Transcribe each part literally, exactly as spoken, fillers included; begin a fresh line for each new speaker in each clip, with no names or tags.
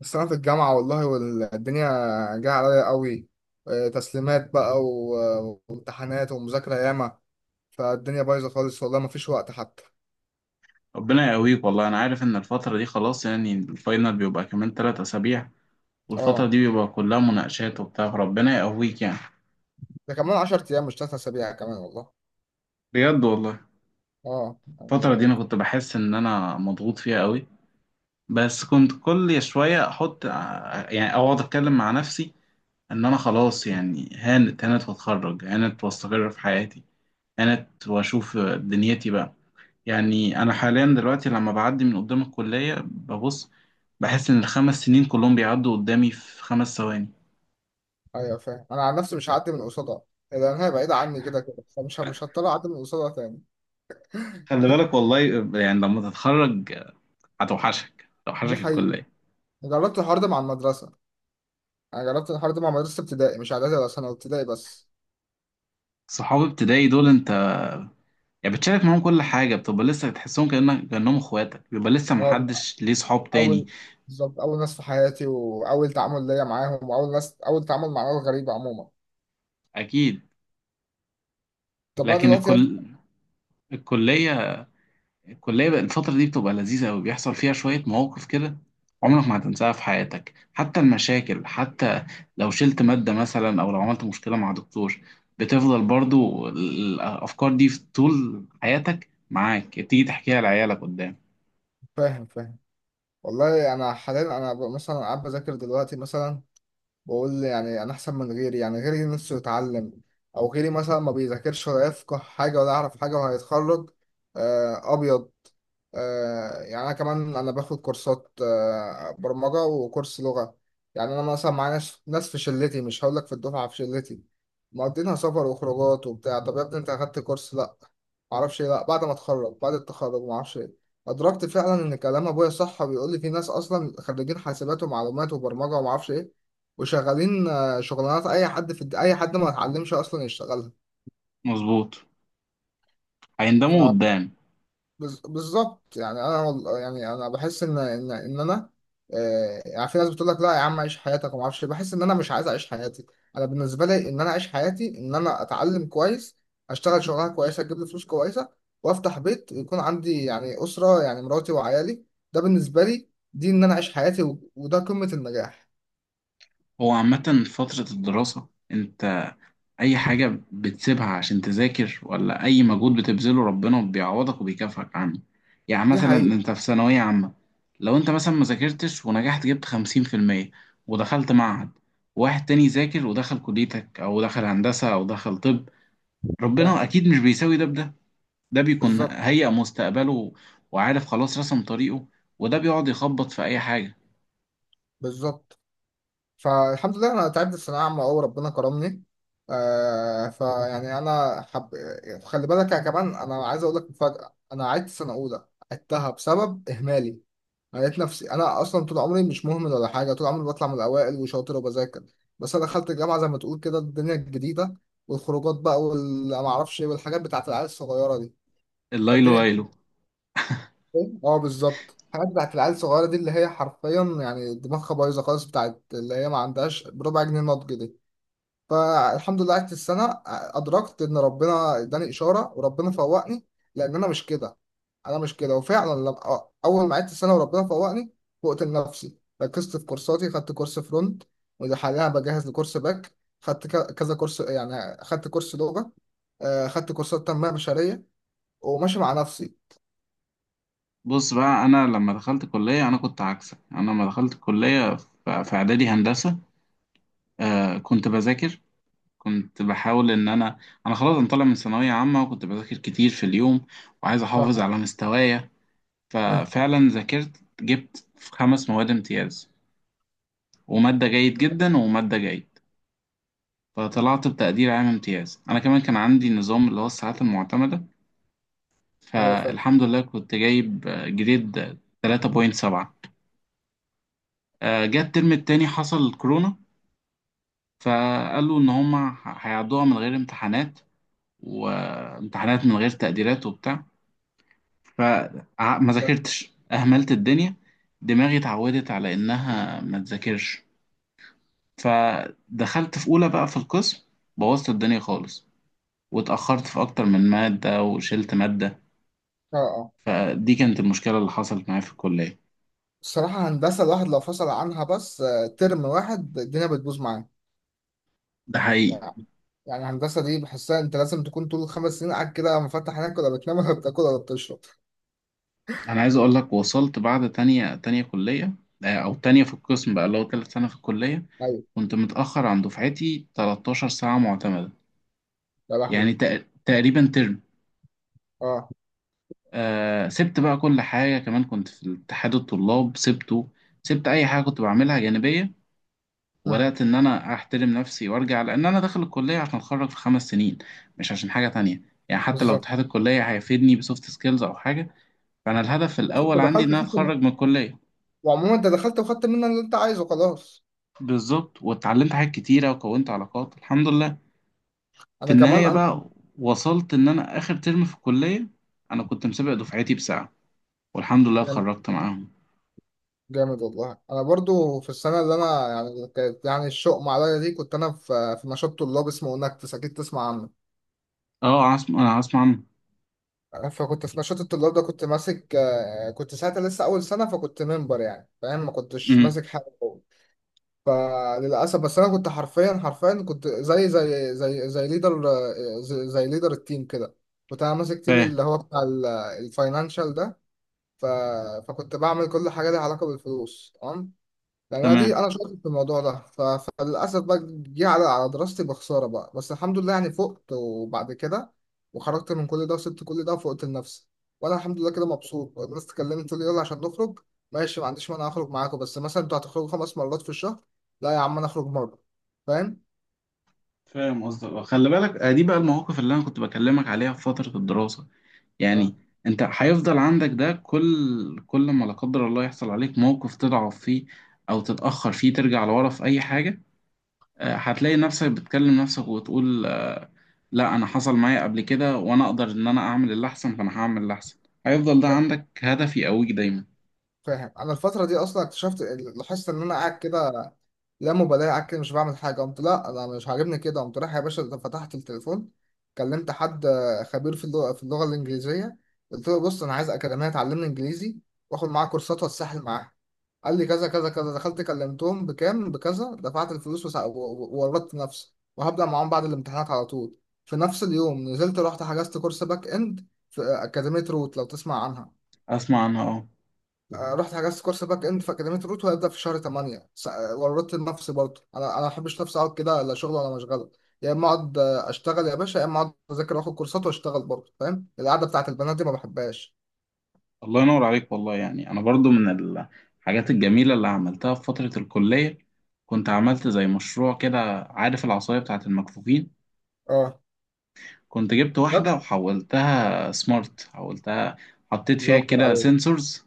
بس أنا في الجامعة، والله، والدنيا جاية عليا قوي. آه، تسليمات بقى و- وامتحانات ومذاكرة ياما، فالدنيا بايظة خالص والله، مفيش وقت حتى.
ربنا يقويك والله. انا عارف ان الفتره دي خلاص، يعني الفاينل بيبقى كمان ثلاث اسابيع،
اه،
والفتره دي بيبقى كلها مناقشات وبتاع. ربنا يقويك يعني.
ده كمان عشر أيام مش تلات أسابيع كمان والله.
بجد والله.
اه
الفتره دي انا
يعني.
كنت بحس ان انا مضغوط فيها قوي، بس كنت كل شويه احط ع- يعني اقعد اتكلم مع نفسي، ان انا خلاص يعني هانت، هانت واتخرج، هانت واستقر في حياتي، هانت واشوف دنيتي بقى. يعني انا حاليا دلوقتي لما بعدي من قدام الكليه ببص، بحس ان الخمس سنين كلهم بيعدوا قدامي في خمس ثواني.
أيوة فاهم. أنا عن نفسي مش هعدي من قصادها، لأن هي بعيدة عني كده كده، فمش مش هضطر أعدي من قصادها تاني.
خلي بالك والله. يعني لما تتخرج هتوحشك،
دي
توحشك
حقيقة.
الكلية.
جربت الحوار ده مع المدرسة. أنا جربت الحوار ده مع مدرسة ابتدائي، مش إعدادي ولا ثانوي، ابتدائي بس.
صحاب ابتدائي دول انت، يعني بتشارك معاهم كل حاجة، بتبقى لسه تحسهم كأنك كأنهم اخواتك، بيبقى لسه
اه،
محدش ليه صحاب
اول
تاني.
بالظبط، اول ناس في حياتي، واول تعامل ليا معاهم، واول ناس، اول تعامل مع ناس غريبه عموما.
اكيد.
طب انا
لكن
دلوقتي أص-
الكل الكلية الكلية بقى الفترة دي بتبقى لذيذة أوي، بيحصل فيها شوية مواقف كده
آه،
عمرك ما هتنساها في حياتك. حتى المشاكل، حتى لو شلت مادة مثلا أو لو عملت مشكلة مع دكتور، بتفضل برضو الأفكار دي في طول حياتك معاك، تيجي تحكيها لعيالك قدام.
فاهم فاهم والله انا حاليا، انا ب- مثلا قاعد بذاكر دلوقتي مثلا، بقول يعني انا احسن من غيري، يعني غيري نفسه يتعلم، او غيري مثلا ما بيذاكرش ولا يفقه حاجه ولا يعرف حاجه وهيتخرج. آه، ابيض. آه، يعني انا كمان، انا باخد كورسات، آه، برمجه وكورس لغه. يعني انا مثلا معايا ناس، ناس في شلتي، مش هقول لك في الدفعه، في شلتي، مقضينها سفر وخروجات وبتاع. طب يا ابني انت اخدت كورس؟ لا، معرفش ايه، لا. بعد ما اتخرج، بعد التخرج معرفش ايه، ادركت فعلا ان كلام ابويا صح، وبيقول لي في ناس اصلا خريجين حاسبات ومعلومات وبرمجه ومعرفش ايه، وشغالين آه، شغلانات اي حد في الد- اي حد ما اتعلمش اصلا يشتغلها.
مظبوط. هيندموا قدام.
بز- بالظبط. يعني انا وال- يعني انا بحس ان ان ان انا آه، يعني في ناس بتقول لك لا يا عم، عيش حياتك وما اعرفش إيه. بحس ان انا مش عايز اعيش حياتي. انا بالنسبه لي ان انا اعيش حياتي ان انا اتعلم كويس، اشتغل شغلانه كويسه تجيب لي فلوس كويسه، وافتح بيت، يكون عندي يعني اسره، يعني مراتي وعيالي. ده بالنسبه لي، دي ان انا اعيش حياتي، و- وده قمه النجاح.
هو عامة فترة الدراسة انت اي حاجة بتسيبها عشان تذاكر، ولا اي مجهود بتبذله، ربنا بيعوضك وبيكافئك عنه. يعني
دي
مثلا
حقيقه.
انت في ثانوية عامة لو انت مثلا ما ذاكرتش ونجحت، جبت خمسين في المية ودخلت معهد، واحد تاني ذاكر ودخل كليتك او دخل هندسة او دخل طب،
فاهم.
ربنا اكيد مش بيساوي ده بده. ده بيكون
بالظبط.
هيئ مستقبله وعارف خلاص رسم طريقه، وده بيقعد يخبط في اي حاجة.
بالظبط. فالحمد لله، انا تعبت في ثانويه عامه أوي، ربنا كرمني. آه، فيعني انا حب خلي بالك يا كمان، انا عايز اقول لك مفاجاه، انا عدت سنه اولى، عدتها بسبب اهمالي. أنا لقيت نفسي، انا اصلا طول عمري مش مهمل ولا حاجه، طول عمري بطلع من الاوائل وشاطر وبذاكر، بس انا دخلت الجامعه زي ما تقول كده الدنيا الجديده، والخروجات بقى وما اعرفش ايه، والحاجات بتاعت العيال الصغيره دي.
الليلو
فالدنيا كانت
ليلو.
إيه؟ اه بالظبط، الحاجات بتاعت العيال الصغيره دي، اللي هي حرفيا يعني دماغها بايظه خالص، بتاعت اللي هي ما عندهاش بربع جنيه نضج دي. فالحمد لله قعدت السنة، أدركت إن ربنا إداني إشارة وربنا فوقني، لأن أنا مش كده. أنا مش كده، وفعلا لما أول ما قعدت السنة وربنا فوقني، فوقت لنفسي، ركزت في كورساتي، خدت كورس فرونت، وده حاليا بجهز لكورس باك. خدت ك- كذا كورس، يعني خدت كورس لغة، آه، خدت كورسات تنمية بشرية، وماشي مع نفسي.
بص بقى، انا لما دخلت كليه انا كنت عكسك. انا لما دخلت كليه ف- في اعدادي هندسه، آه كنت بذاكر، كنت بحاول ان انا، انا خلاص انا طالع من ثانويه عامه وكنت بذاكر كتير في اليوم وعايز احافظ
اه.
على مستوايا.
مم.
ففعلا ذاكرت، جبت في خمس مواد امتياز وماده جيد جدا وماده جيد، فطلعت بتقدير عام امتياز. انا كمان كان عندي نظام اللي هو الساعات المعتمده،
أيوه فعلا.
فالحمد لله كنت جايب آه، جريد ثلاثة فاصلة سبعة. آه، جه الترم التاني، حصل الكورونا، فقالوا ان هما ه- هيعدوها من غير امتحانات، وامتحانات من غير تقديرات وبتاع، فما
فعلا.
ذاكرتش، اهملت الدنيا، دماغي اتعودت على انها ما تذاكرش. فدخلت في اولى بقى في القسم، بوظت الدنيا خالص، واتاخرت في اكتر من ماده وشلت ماده.
اه اه.
فدي كانت المشكله اللي حصلت معايا في الكليه.
الصراحة هندسة الواحد لو فصل عنها بس آه، ترم واحد، الدنيا بتبوظ معاه.
ده حقيقي.
يعني، يعني الهندسة دي بحسها انت لازم تكون طول الخمس سنين قاعد كده مفتح عينك، ولا بتنام ولا بتاكل ولا بتشرب.
انا عايز اقول لك، وصلت بعد تانية تانية كلية، آه، او تانية في القسم بقى، اللي هو تالت سنة في الكلية،
ايوه.
كنت متأخر عن دفعتي 13 ساعة معتمدة،
يا
يعني
لهوي.
تق- تقريبا ترم.
اه.
آه سبت بقى كل حاجة، كمان كنت في اتحاد الطلاب سبته، سبت اي حاجة كنت بعملها جانبية،
اه
وبدأت ان انا احترم نفسي وارجع لان انا داخل الكلية عشان اتخرج في خمس سنين، مش عشان حاجة تانية. يعني حتى لو
بالظبط.
اتحاد الكلية هيفيدني بسوفت سكيلز او حاجة، فانا الهدف
بس انت
الاول عندي ان
دخلت
انا
خدت
اتخرج
من-
من الكلية.
وعموما انت دخلت وخدت منها اللي انت عايزه خلاص.
بالظبط. واتعلمت حاجات كتيرة وكونت علاقات الحمد لله. في
انا كمان
النهاية
انا.
بقى وصلت إن أنا آخر ترم في الكلية أنا كنت مسابق دفعتي بساعة، والحمد لله
جامد.
اتخرجت معاهم.
جامد، والله انا برضو في السنه اللي انا، يعني كانت يعني الشؤم عليا دي، كنت انا في في نشاط طلاب اسمه انكتس، اكيد تسمع عنه.
أه، عاصم. أنا عاصم عم.
فكنت في نشاط الطلاب ده، كنت ماسك، آه، كنت ساعتها لسه اول سنه، فكنت منبر يعني فاهم، ما كنتش
أمم
ماسك حاجه. فللاسف، بس انا كنت حرفيا، حرفيا كنت زي زي زي زي ليدر، زي, زي ليدر التيم كده، كنت انا ماسك تيم
فاهم.
اللي هو بتاع الفاينانشال ده. ف... فكنت بعمل كل حاجه ليها علاقه بالفلوس، تمام، يعني انا
تمام.
دي، انا شاطر في الموضوع ده. ف... فللاسف بقى، جه على على دراستي بخساره بقى، بس الحمد لله يعني فقت، وبعد كده وخرجت من كل ده وسبت كل ده وفقت لنفسي. وانا الحمد لله كده مبسوط. الناس تكلمت تقول لي يلا عشان نخرج، ماشي ما عنديش مانع اخرج معاكم، بس مثلا انتوا هتخرجوا خمس مرات في الشهر، لا يا عم انا اخرج مره. فاهم؟
فاهم قصدك. آه، خلي بالك، آه، دي بقى المواقف اللي أنا كنت بكلمك عليها في فترة الدراسة.
اه.
يعني أنت هيفضل عندك ده، كل كل ما لا قدر الله يحصل عليك موقف تضعف فيه أو تتأخر فيه، ترجع لورا في أي حاجة، آه، هتلاقي نفسك بتكلم نفسك وتقول، آه، لا، انا حصل معايا قبل كده، وانا اقدر ان انا اعمل اللي احسن، فانا هعمل اللي احسن. هيفضل ده عندك هدف يقويك دايما.
فاهم انا الفتره دي اصلا اكتشفت، لاحظت ان انا قاعد كده لا مبالاه، قاعد كده مش بعمل حاجه. قمت لا، انا مش عاجبني كده. قمت رايح يا باشا، فتحت التليفون، كلمت حد آه، خبير في اللغه، في اللغه الانجليزيه. قلت له بص انا عايز اكاديميه تعلمني انجليزي، واخد معاه كورسات واتسحل معاها. قال لي كذا كذا كذا، دخلت كلمتهم بكام، بكذا، دفعت الفلوس، وسع- و- و- وورطت نفسي، وهبدأ معاهم بعد الامتحانات على طول. في نفس اليوم نزلت رحت حجزت كورس باك اند في أكاديمية روت، لو تسمع عنها.
اسمع عنها، اه.
آه، رحت حجزت كورس باك اند في اكاديميه روت، وهيبدا في شهر تمانية. س- آه، ورطت نفسي برضه، انا انا ما بحبش نفسي اقعد كده لا شغل ولا مشغله. يا اما اقعد آه، اشتغل يا باشا، يا اما اقعد اذاكر واخد كورسات واشتغل برضه. فاهم، القعده بتاعت البنات دي ما بحبهاش.
الله ينور عليك والله. يعني انا برضو من الحاجات الجميله اللي عملتها في فتره الكليه كنت عملت زي مشروع كده. عارف العصايه بتاعه المكفوفين؟
اه.
كنت جبت واحده
بجد؟
وحولتها سمارت، حولتها، حطيت
الله
فيها
اكبر
كده
عليك.
سنسورز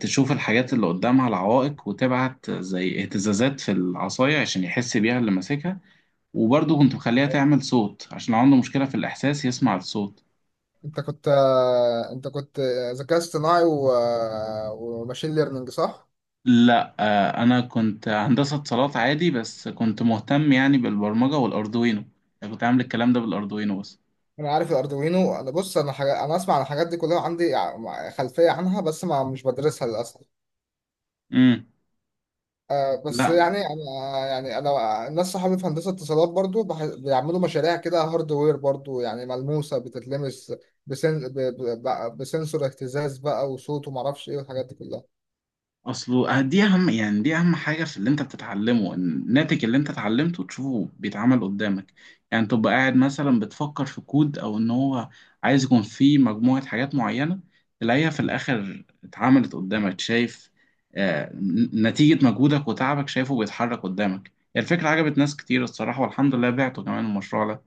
تشوف الحاجات اللي قدامها العوائق، وتبعت زي اهتزازات في العصايه عشان يحس بيها اللي ماسكها. وبرضه كنت مخليها تعمل صوت عشان عنده مشكلة في الإحساس، يسمع الصوت.
انت كنت آه، انت كنت آه، ذكاء اصطناعي و... آه، وماشين ليرنينج، صح؟
لا آه، أنا كنت هندسة اتصالات عادي، بس كنت مهتم يعني بالبرمجة والأردوينو. أنا كنت عامل الكلام ده بالأردوينو بس.
انا عارف الاردوينو. انا بص، انا حاجة... انا اسمع عن الحاجات دي كلها، عندي ع- خلفيه عنها، بس ما مش بدرسها للاسف.
امم
آه
لا،
بس يعني انا، يعني انا الناس صحابي في هندسه اتصالات برضو بح- بيعملوا مشاريع كده، هاردوير برضو يعني، ملموسه بتتلمس، بسن ب- ب- ب- بسنسور اهتزاز بقى، وصوت وما اعرفش ايه والحاجات دي كلها.
اصله آه، دي اهم، يعني دي اهم حاجه في اللي انت بتتعلمه، إن الناتج اللي انت اتعلمته تشوفه بيتعمل قدامك. يعني تبقى قاعد مثلا بتفكر في كود او ان هو عايز يكون فيه مجموعه حاجات معينه، تلاقيها في الاخر اتعملت قدامك، شايف آه نتيجه مجهودك وتعبك، شايفه بيتحرك قدامك. يعني الفكره عجبت ناس كتير الصراحه، والحمد لله بعته كمان المشروع ده.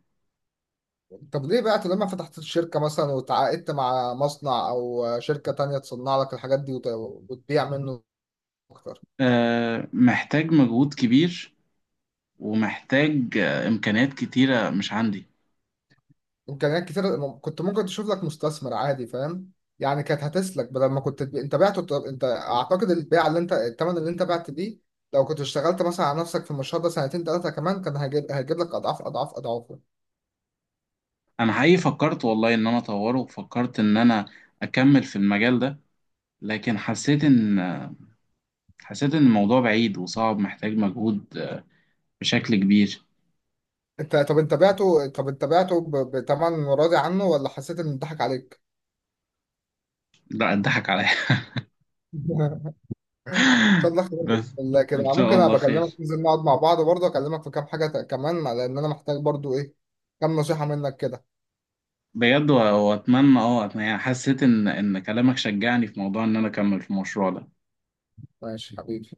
طب ليه بقى لما فتحت الشركه مثلا، وتعاقدت مع مصنع او شركه تانية تصنع لك الحاجات دي، وت- وتبيع منه اكتر؟
آه محتاج مجهود كبير، ومحتاج آه امكانيات كتيره مش عندي.
امكانيات كتير، م- كنت ممكن تشوف لك مستثمر عادي، فاهم؟ يعني كانت هتسلك بدل ما كنت تبيع، انت بعته. طب انت اعتقد البيع اللي انت، الثمن اللي انت بعت بيه، لو كنت اشتغلت مثلا على نفسك في المشروع ده سنتين ثلاثه كمان، كان هيجيب هيجيب لك اضعاف اضعاف اضعافه.
انا حقيقي فكرت والله ان انا اطوره، وفكرت ان انا اكمل في المجال ده، لكن حسيت ان حسيت ان الموضوع بعيد وصعب، محتاج مجهود بشكل كبير.
انت طب انت بعته، طب انت بعته ب- بثمن راضي عنه، ولا حسيت ان اتضحك عليك؟
لا، اتضحك عليا.
ان شاء الله خير، بإذن
بس.
الله
ان
كده
شاء
ممكن
الله
ابقى
خير.
اكلمك، ننزل نقعد مع بعض برضه، اكلمك في كام حاجه ت- كمان، لان انا محتاج برضه ايه، كام نصيحه منك كده.
بجد و- واتمنى اه أتمنى- يعني حسيت ان ان كلامك شجعني في موضوع ان انا اكمل في المشروع ده.
ماشي حبيبي.